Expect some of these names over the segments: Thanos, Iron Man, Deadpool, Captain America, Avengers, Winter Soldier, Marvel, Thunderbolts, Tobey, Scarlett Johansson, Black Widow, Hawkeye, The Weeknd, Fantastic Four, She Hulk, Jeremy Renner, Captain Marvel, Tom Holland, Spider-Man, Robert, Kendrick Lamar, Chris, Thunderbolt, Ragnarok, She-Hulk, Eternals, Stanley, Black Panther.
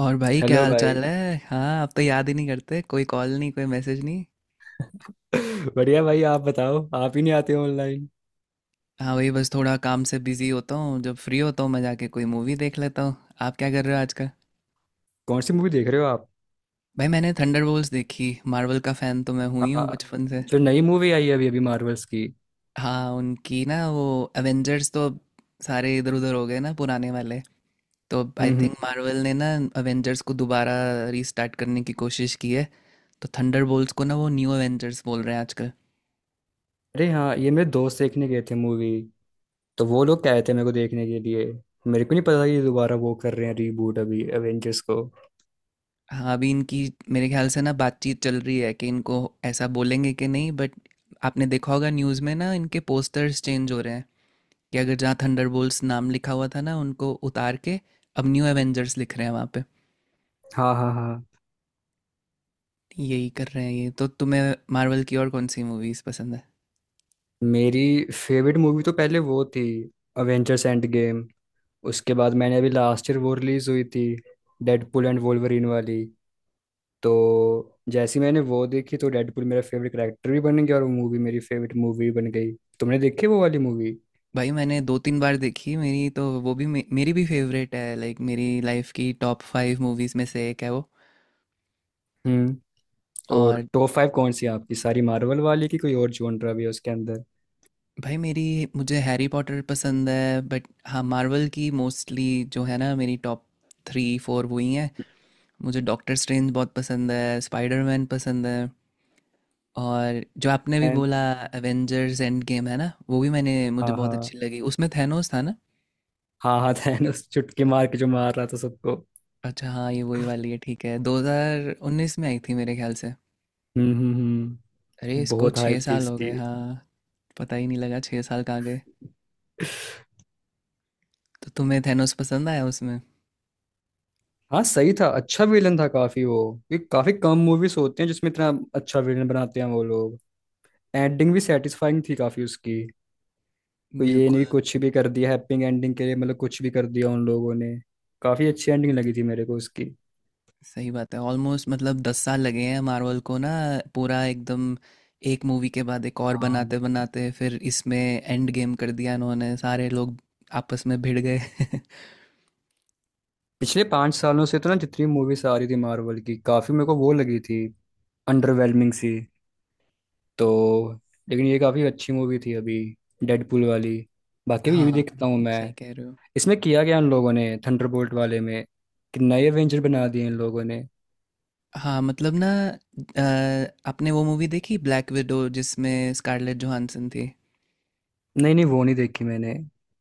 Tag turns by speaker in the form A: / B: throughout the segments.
A: और भाई क्या
B: हेलो
A: हाल
B: भाई।
A: चाल है। हाँ, आप तो याद ही नहीं करते, कोई कॉल नहीं, कोई मैसेज नहीं।
B: बढ़िया भाई, आप बताओ, आप ही नहीं आते हो ऑनलाइन।
A: हाँ, वही बस थोड़ा काम से बिजी होता हूँ। जब फ्री होता हूँ मैं जाके कोई मूवी देख लेता हूँ। आप क्या कर रहे हो आजकल?
B: कौन सी मूवी देख रहे हो आप?
A: भाई मैंने थंडरबोल्ट्स देखी। मार्वल का फ़ैन तो मैं हुई हूँ
B: आ,
A: बचपन से।
B: जो नई मूवी आई है अभी अभी मार्वल्स की।
A: हाँ उनकी ना वो एवेंजर्स तो अब सारे इधर उधर हो गए ना पुराने वाले। तो I
B: hmm, hmm.
A: Think Marvel ने ना एवेंजर्स को दोबारा रीस्टार्ट करने की कोशिश की है। तो थंडरबोल्ट्स को ना वो न्यू एवेंजर्स बोल रहे हैं आजकल।
B: अरे हाँ, ये मेरे दोस्त देखने गए थे मूवी, तो वो लोग कहे थे मेरे को देखने के लिए। मेरे को नहीं पता था कि दोबारा वो कर रहे हैं रीबूट अभी एवेंजर्स को।
A: हाँ अभी इनकी मेरे ख्याल से ना बातचीत चल रही है कि इनको ऐसा बोलेंगे कि नहीं, बट आपने देखा होगा न्यूज़ में ना इनके पोस्टर्स चेंज हो रहे हैं। कि अगर जहाँ थंडरबोल्ट्स नाम लिखा हुआ था ना उनको उतार के अब न्यू एवेंजर्स लिख रहे हैं वहाँ पे।
B: हाँ, हाँ, हाँ।
A: यही कर रहे हैं ये। तो तुम्हें मार्वल की और कौन सी मूवीज़ पसंद है?
B: मेरी फेवरेट मूवी तो पहले वो थी, अवेंजर्स एंड गेम। उसके बाद मैंने अभी लास्ट ईयर वो रिलीज हुई थी, डेडपुल एंड वोल्वरीन वाली। तो जैसे ही मैंने वो देखी तो डेडपुल मेरा फेवरेट कैरेक्टर भी बन गया और वो मूवी मेरी फेवरेट मूवी भी बन गई। तुमने देखी वो वाली मूवी?
A: भाई मैंने 2-3 बार देखी, मेरी तो वो भी मेरी भी फेवरेट है, लाइक मेरी लाइफ की टॉप फाइव मूवीज़ में से एक है वो।
B: हम्म। और
A: और
B: टॉप 5 कौन सी है आपकी? सारी मार्वल वाली की, कोई और जॉनरा भी है उसके अंदर?
A: भाई मेरी, मुझे हैरी पॉटर पसंद है बट हाँ मार्वल की मोस्टली जो है ना मेरी टॉप थ्री फोर वही हैं। मुझे डॉक्टर स्ट्रेंज बहुत पसंद है, स्पाइडरमैन पसंद है, और जो आपने भी
B: मैं।
A: बोला एवेंजर्स एंड गेम है ना वो भी मैंने, मुझे
B: हाँ,
A: बहुत
B: हाँ,
A: अच्छी लगी। उसमें थैनोस था ना।
B: हाँ, हाँ, थैनोस चुटकी मार के जो मार रहा था सबको।
A: अच्छा हाँ ये वही वाली है। ठीक है, 2019 में आई थी मेरे ख्याल से।
B: हम्म, हम्म, हम्म।
A: अरे इसको
B: बहुत
A: छः
B: हाइप थी
A: साल हो
B: इसकी।
A: गए। हाँ पता ही नहीं लगा 6 साल कहाँ गए। तो तुम्हें थैनोस पसंद आया उसमें।
B: हाँ, सही था, अच्छा विलन था काफी वो। ये काफी कम मूवीज होते हैं जिसमें इतना अच्छा विलन बनाते हैं वो लोग। एंडिंग भी सेटिस्फाइंग थी काफी उसकी। कोई ये
A: बिल्कुल।
B: नहीं कुछ भी कर दिया हैप्पी एंडिंग के लिए, मतलब कुछ भी कर दिया उन लोगों ने। काफी अच्छी एंडिंग लगी थी मेरे को उसकी।
A: सही बात है, ऑलमोस्ट मतलब 10 साल लगे हैं मार्वल को ना, पूरा एकदम एक मूवी के बाद एक और
B: हाँ।
A: बनाते बनाते फिर इसमें एंड गेम कर दिया। इन्होंने सारे लोग आपस में भिड़ गए
B: पिछले 5 सालों से तो ना जितनी मूवीज आ रही थी मार्वल की, काफी मेरे को वो लगी थी अंडरवेलमिंग सी। तो लेकिन ये काफी अच्छी मूवी थी अभी, डेडपूल वाली। बाकी भी ये भी
A: हाँ
B: देखता हूँ मैं।
A: सही कह रहे हो।
B: इसमें किया गया उन लोगों ने थंडरबोल्ट वाले में, कि नए एवेंजर बना दिए इन लोगों ने।
A: हाँ मतलब ना, अ, आपने वो मूवी देखी ब्लैक विडो जिसमें स्कारलेट जोहानसन थी?
B: नहीं, नहीं, वो नहीं देखी मैंने।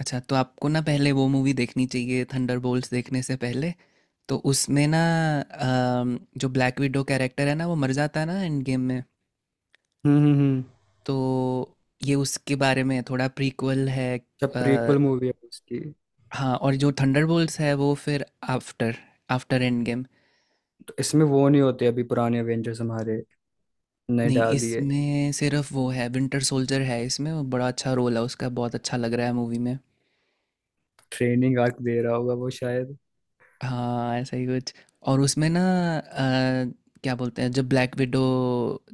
A: अच्छा तो आपको ना पहले वो मूवी देखनी चाहिए थंडरबोल्ट्स देखने से पहले। तो उसमें ना जो ब्लैक विडो कैरेक्टर है ना वो मर जाता है ना एंड गेम में।
B: हम्म, हम्म, हम्म।
A: तो ये उसके बारे में है, थोड़ा प्रीक्वल है।
B: जब
A: अ,
B: प्रीक्वल मूवी है उसकी।
A: हाँ और जो थंडरबोल्ट्स है वो फिर आफ्टर, आफ्टर एंड गेम।
B: तो इसमें वो नहीं होते अभी पुराने एवेंजर्स हमारे, नहीं
A: नहीं
B: डाली है।
A: इसमें सिर्फ वो है, विंटर सोल्जर है इसमें, वो बड़ा अच्छा रोल है उसका, बहुत अच्छा लग रहा है मूवी में।
B: ट्रेनिंग आर्क दे रहा होगा वो शायद।
A: हाँ ऐसा ही कुछ। और उसमें ना अ, क्या बोलते हैं, जब ब्लैक विडो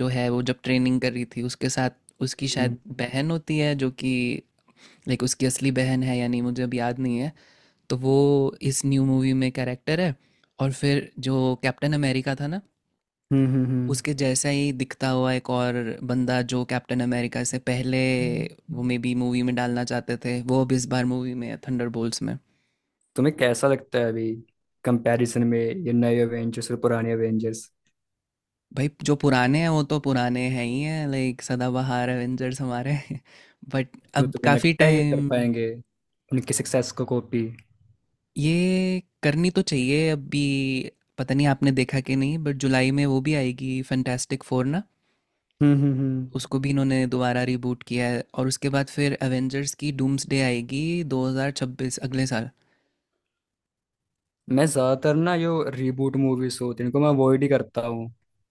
A: जो है वो जब ट्रेनिंग कर रही थी उसके साथ, उसकी शायद
B: हम्म।
A: बहन होती है जो कि, लाइक उसकी असली बहन है या नहीं मुझे अब याद नहीं है। तो वो इस न्यू मूवी में कैरेक्टर है। और फिर जो कैप्टन अमेरिका था ना
B: हम्म, हम्म, हम्म,
A: उसके जैसा ही दिखता हुआ एक और बंदा जो कैप्टन अमेरिका से पहले वो मे बी मूवी में डालना चाहते थे वो अब इस बार मूवी में है थंडरबोल्ट्स में।
B: तुम्हें कैसा लगता है अभी कंपैरिजन में ये नए एवेंजर्स और पुराने एवेंजर्स?
A: भाई जो पुराने हैं वो तो पुराने हैं ही हैं, लाइक सदाबहार एवेंजर्स हमारे बट
B: तो
A: अब
B: तुम्हें
A: काफ़ी
B: लगता है ये कर
A: टाइम,
B: पाएंगे उनकी सक्सेस को कॉपी?
A: ये करनी तो चाहिए अभी। पता नहीं आपने देखा कि नहीं बट जुलाई में वो भी आएगी फैंटास्टिक फोर ना।
B: हम्म, हम्म,
A: उसको भी इन्होंने दोबारा रिबूट किया है और उसके बाद फिर एवेंजर्स की डूम्सडे आएगी 2026 अगले साल।
B: मैं ज्यादातर ना जो रीबूट मूवीज होती हैं इनको मैं अवॉइड ही करता हूँ।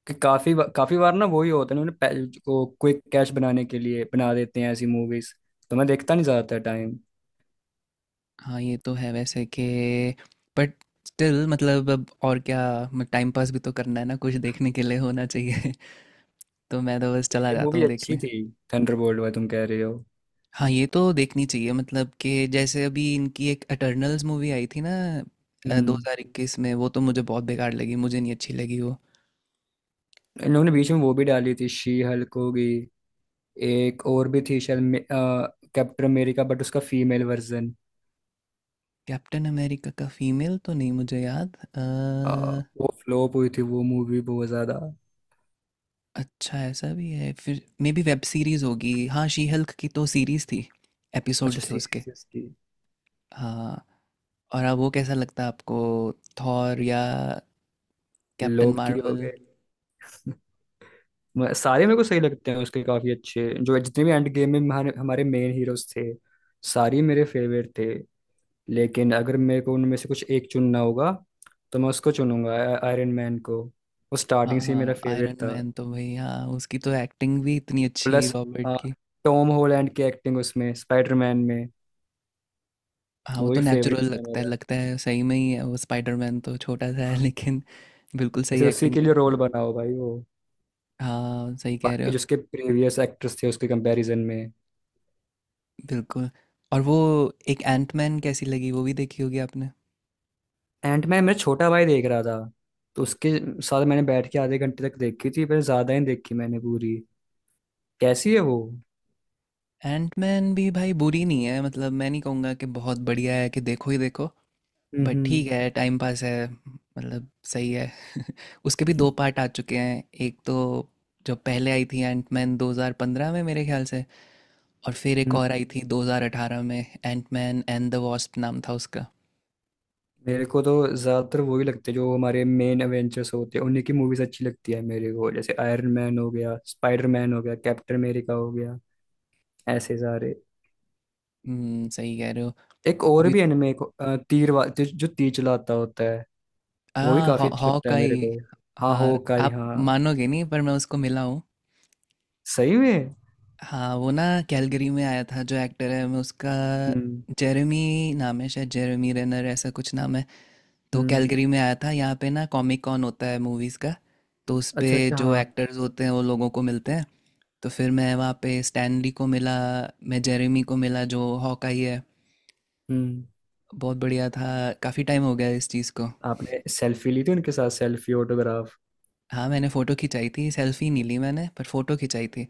B: कि काफी बार ना वही होता है, उन्होंने को क्विक कैश बनाने के लिए बना देते हैं ऐसी मूवीज। तो मैं देखता नहीं ज्यादातर टाइम।
A: हाँ ये तो है वैसे कि, बट स्टिल मतलब अब और क्या, टाइम पास भी तो करना है ना, कुछ देखने के लिए होना चाहिए। तो मैं तो बस चला
B: ये
A: जाता
B: मूवी
A: हूँ
B: अच्छी
A: देखने।
B: थी, थंडरबोल्ट वाला तुम कह रहे हो?
A: हाँ ये तो देखनी चाहिए, मतलब कि जैसे अभी इनकी एक एटर्नल्स मूवी आई थी ना दो
B: हम्म।
A: हजार इक्कीस में। वो तो मुझे बहुत बेकार लगी, मुझे नहीं अच्छी लगी वो।
B: इन लोगों ने बीच में वो भी डाली थी, शी हल्क होगी। एक और भी थी शायद, कैप्टन अमेरिका, बट उसका फीमेल वर्जन।
A: कैप्टन अमेरिका का फीमेल तो नहीं मुझे याद।
B: वो फ्लॉप हुई थी वो मूवी, बहुत ज्यादा।
A: अच्छा ऐसा भी है फिर, मे बी वेब सीरीज़ होगी। हाँ शी हल्क की तो सीरीज़ थी, एपिसोड
B: अच्छा,
A: थे उसके।
B: सीरीज थी उसकी?
A: हाँ और अब वो कैसा लगता है आपको, थॉर या कैप्टन
B: लोग की हो
A: मार्वल?
B: गए। सारे मेरे को सही लगते हैं उसके, काफी अच्छे जो जितने भी एंड गेम में हमारे हमारे मेन हीरोज थे, सारे मेरे फेवरेट थे। लेकिन अगर मेरे को उनमें से कुछ एक चुनना होगा, तो मैं उसको चुनूंगा, आयरन मैन को। वो
A: हाँ
B: स्टार्टिंग से ही मेरा
A: हाँ,
B: फेवरेट
A: आयरन
B: था।
A: मैन तो भाई, हाँ उसकी तो एक्टिंग भी इतनी अच्छी
B: प्लस
A: रॉबर्ट
B: अ,
A: की।
B: टॉम हॉलैंड की एक्टिंग उसमें, स्पाइडरमैन में।
A: हाँ वो
B: वो ही
A: तो
B: फेवरेट
A: नेचुरल
B: है
A: लगता है,
B: मेरा,
A: लगता है सही में ही है वो, स्पाइडरमैन तो छोटा सा है लेकिन बिल्कुल सही
B: जैसे उसी
A: एक्टिंग
B: के लिए
A: करता
B: रोल
A: है।
B: बना हो भाई वो।
A: हाँ सही कह रहे
B: बाकी
A: हो।
B: जो उसके प्रीवियस एक्टर्स थे उसके कंपैरिजन में।
A: बिल्कुल। और वो एक एंटमैन कैसी लगी, वो भी देखी होगी आपने?
B: एंटमैन मेरा छोटा भाई देख रहा था, तो उसके साथ मैंने बैठ के आधे घंटे तक देखी थी, पर ज्यादा ही देखी मैंने पूरी। कैसी है वो?
A: एंटमैन भी भाई बुरी नहीं है, मतलब मैं नहीं कहूँगा कि बहुत बढ़िया है कि देखो ही देखो, बट
B: हम्म,
A: ठीक है टाइम पास है, मतलब सही है। उसके भी दो पार्ट आ चुके हैं, एक तो जो पहले आई थी एंटमैन 2015 में मेरे ख्याल से, और फिर एक
B: हम्म।
A: और आई थी 2018 में, एंटमैन एंड द वॉस्प नाम था उसका।
B: मेरे को तो ज्यादातर वही लगते हैं जो हमारे मेन एवेंजर्स होते हैं, उन्हीं की मूवीज अच्छी लगती है मेरे को, जैसे आयरन मैन हो गया, स्पाइडर मैन हो गया, कैप्टन अमेरिका हो गया, ऐसे सारे।
A: हम्म, सही कह रहे हो।
B: एक और
A: अभी
B: भी एनिमे, एक तीर जो जो तीर चलाता होता है,
A: आ
B: वो भी
A: हॉ
B: काफी अच्छा लगता
A: हॉक
B: है
A: आई।
B: मेरे को। हाँ,
A: हाँ
B: हो काई,
A: आप
B: हाँ।
A: मानोगे नहीं पर मैं उसको मिला हूँ।
B: सही में?
A: हाँ वो ना कैलगरी में आया था, जो एक्टर है मैं उसका,
B: हम्म,
A: जेरेमी नाम है शायद, जेरेमी रेनर ऐसा कुछ नाम है। तो
B: हम्म।
A: कैलगरी में आया था, यहाँ पे ना कॉमिक कॉन होता है मूवीज़ का। तो उस पे
B: अच्छा, अच्छा,
A: जो
B: हाँ।
A: एक्टर्स होते हैं वो लोगों को मिलते हैं। तो फिर मैं वहाँ पे स्टैनली को मिला, मैं जेरेमी को मिला जो हॉकाई है।
B: हम्म।
A: बहुत बढ़िया था। काफ़ी टाइम हो गया इस चीज़ को।
B: आपने सेल्फी ली थी उनके साथ? Selfie, autograph?
A: हाँ मैंने फ़ोटो खिंचाई थी, सेल्फी नहीं ली मैंने पर फ़ोटो खिंचाई थी।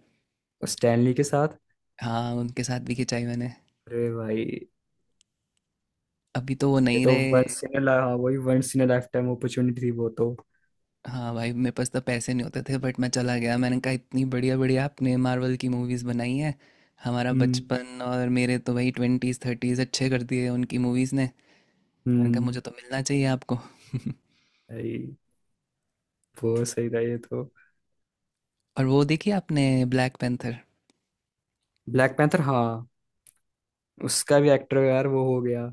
B: स्टैनली के साथ?
A: हाँ उनके साथ भी खिंचाई मैंने।
B: अरे भाई।
A: अभी तो वो
B: ये
A: नहीं
B: तो
A: रहे।
B: वंस इन अ हाँ, वही once in a lifetime opportunity थी वो तो।
A: हाँ भाई मेरे पास तो पैसे नहीं होते थे बट मैं चला गया। मैंने कहा इतनी बढ़िया बढ़िया आपने मार्वल की मूवीज़ बनाई हैं, हमारा
B: हम्म,
A: बचपन और मेरे तो भाई ट्वेंटीज़ थर्टीज़ अच्छे कर दिए उनकी मूवीज़ ने। मैंने कहा
B: हम्म।
A: मुझे तो मिलना चाहिए आपको।
B: भाई वो सही था ये तो।
A: और वो देखी आपने ब्लैक पैंथर?
B: ब्लैक पैंथर, हाँ। उसका भी एक्टर यार वो हो गया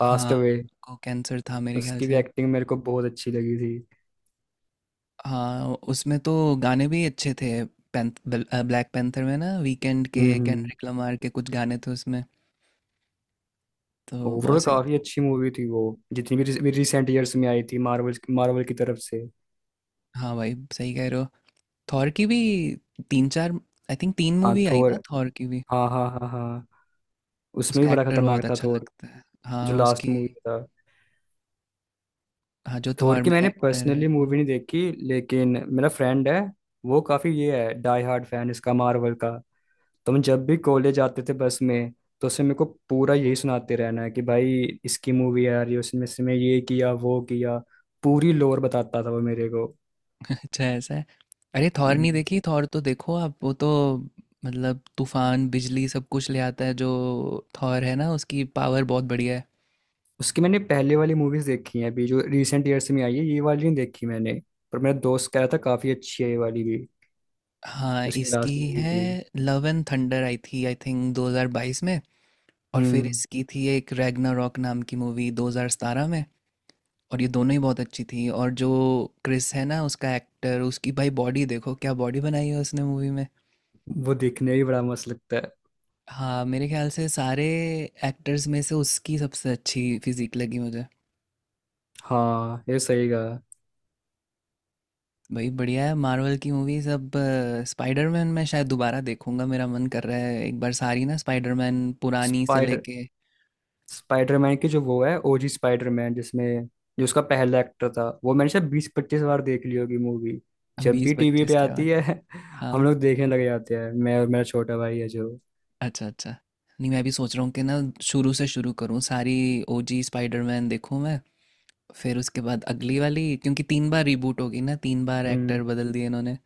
B: पास्ट
A: हाँ,
B: अवे।
A: को कैंसर था मेरे ख्याल
B: उसकी भी
A: से।
B: एक्टिंग मेरे को बहुत अच्छी लगी थी।
A: हाँ उसमें तो गाने भी अच्छे थे। ब्लैक पैंथर में ना वीकेंड के,
B: हम्म।
A: केंड्रिक लमार के कुछ गाने थे उसमें, तो बहुत
B: ओवरऑल
A: सही।
B: काफी अच्छी मूवी थी वो, जितनी भी रिसेंट ईयर्स में आई थी मार्वल मार्वल की तरफ से।
A: हाँ भाई सही कह रहे हो। थॉर की भी तीन चार, आई थिंक तीन
B: हाँ,
A: मूवी आई
B: थोर,
A: ना थॉर की भी।
B: हाँ, हाँ, हाँ, हाँ, उसमें भी
A: उसका
B: बड़ा
A: एक्टर बहुत
B: खतरनाक था
A: अच्छा
B: थोर।
A: लगता है। हाँ
B: जो लास्ट
A: उसकी,
B: मूवी था।
A: हाँ जो
B: थोर
A: थॉर
B: की
A: में
B: मैंने
A: एक्टर
B: पर्सनली
A: है।
B: मूवी नहीं देखी, लेकिन मेरा फ्रेंड है, वो काफी ये है, डाई हार्ड फैन इसका मार्वल का। तो हम जब भी कॉलेज जाते थे बस में, तो उससे मेरे को पूरा यही सुनाते रहना है कि भाई इसकी मूवी आ रही है, उसमें इसमें ये किया वो किया, पूरी लोर बताता था वो मेरे को।
A: अच्छा ऐसा है। अरे थॉर नहीं
B: हम्म।
A: देखी? थॉर तो देखो आप, वो तो मतलब तूफान बिजली सब कुछ ले आता है जो, थॉर है ना उसकी पावर बहुत बढ़िया है।
B: उसकी मैंने पहले वाली मूवीज देखी हैं, अभी जो रिसेंट ईयर्स में आई है ये वाली नहीं देखी मैंने। पर मेरा दोस्त कह रहा था काफी अच्छी है ये वाली भी।
A: हाँ
B: उसकी
A: इसकी
B: लास्ट मूवी
A: है
B: थी।
A: लव एंड थंडर, आई थी आई थिंक 2022 में। और फिर
B: हम्म।
A: इसकी थी एक रैग्नारॉक नाम की मूवी 2017 में। और ये दोनों ही बहुत अच्छी थी। और जो क्रिस है ना उसका एक्टर, उसकी भाई बॉडी देखो क्या बॉडी बनाई है उसने मूवी में।
B: वो देखने में भी बड़ा मस्त लगता है।
A: हाँ मेरे ख्याल से सारे एक्टर्स में से उसकी सबसे अच्छी फिजिक लगी मुझे।
B: हाँ, ये सही कहा।
A: भाई बढ़िया है मार्वल की मूवी सब। स्पाइडरमैन मैं शायद दोबारा देखूंगा, मेरा मन कर रहा है एक बार सारी ना, स्पाइडरमैन पुरानी से
B: स्पाइडर
A: लेके।
B: स्पाइडरमैन की जो वो है ओजी स्पाइडरमैन, जिसमें जो उसका पहला एक्टर था, वो मैंने शायद 20-25 बार देख ली होगी मूवी, जब
A: बीस
B: भी टीवी
A: पच्चीस
B: पे
A: क्या
B: आती
A: बात है।
B: है हम
A: हाँ
B: लोग देखने लग जाते हैं, मैं और मेरा छोटा भाई है जो।
A: अच्छा अच्छा। नहीं मैं भी सोच रहा हूँ कि ना शुरू से शुरू करूँ सारी, ओजी स्पाइडरमैन देखूँ मैं, फिर उसके बाद अगली वाली, क्योंकि 3 बार रिबूट हो गई ना, 3 बार
B: हम्म।
A: एक्टर बदल दिए इन्होंने।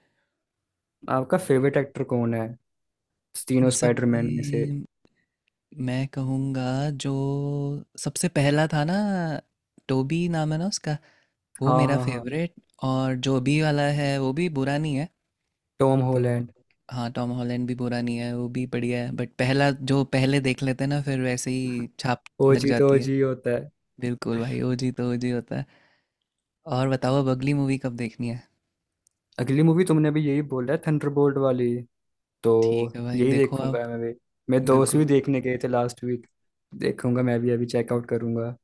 B: आपका फेवरेट एक्टर कौन है
A: इन
B: तीनों
A: सब
B: स्पाइडरमैन में से?
A: में मैं कहूँगा जो सबसे पहला था ना, टोबी नाम है ना उसका, वो
B: हाँ,
A: मेरा
B: हाँ, हाँ।
A: फेवरेट। और जो अभी वाला है वो भी बुरा नहीं है।
B: टॉम
A: तो
B: हॉलैंड।
A: हाँ टॉम हॉलैंड भी बुरा नहीं है, वो भी बढ़िया है बट पहला जो पहले देख लेते हैं ना फिर वैसे ही छाप लग
B: ओजी तो
A: जाती है।
B: ओजी होता है।
A: बिल्कुल भाई, ओजी तो ओजी होता है। और बताओ अब अगली मूवी कब देखनी है?
B: अगली मूवी तुमने भी यही बोला है, थंडरबोल्ट वाली, तो
A: ठीक है भाई
B: यही
A: देखो आप।
B: देखूंगा मैं भी। मेरे दोस्त
A: बिल्कुल
B: भी
A: बिल्कुल।
B: देखने गए थे लास्ट वीक। देखूंगा मैं भी, अभी चेकआउट करूंगा।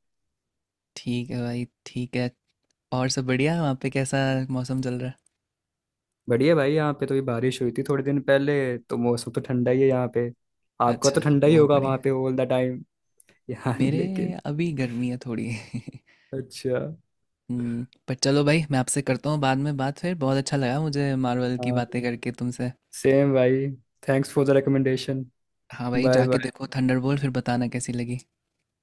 A: ठीक है भाई ठीक है। और सब बढ़िया? वहाँ पे कैसा मौसम चल रहा
B: बढ़िया भाई, यहाँ पे तो भी बारिश हुई थी थोड़े दिन पहले, तो मौसम तो ठंडा ही है यहाँ पे।
A: है?
B: आपका तो
A: अच्छा।
B: ठंडा ही
A: बहुत
B: होगा वहाँ
A: बढ़िया।
B: पे ऑल द टाइम। यहाँ नहीं
A: मेरे
B: लेकिन।
A: अभी गर्मी है थोड़ी
B: अच्छा।
A: पर चलो भाई, मैं आपसे करता हूँ बाद में बात फिर। बहुत अच्छा लगा मुझे मार्वल की
B: हाँ।
A: बातें करके तुमसे।
B: सेम भाई। Thanks for the recommendation.
A: हाँ भाई
B: बाय
A: जाके
B: बाय।
A: देखो थंडरबोल्ट, फिर बताना कैसी लगी।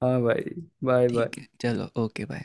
B: हाँ भाई। बाय
A: ठीक है
B: बाय।
A: चलो ओके बाय।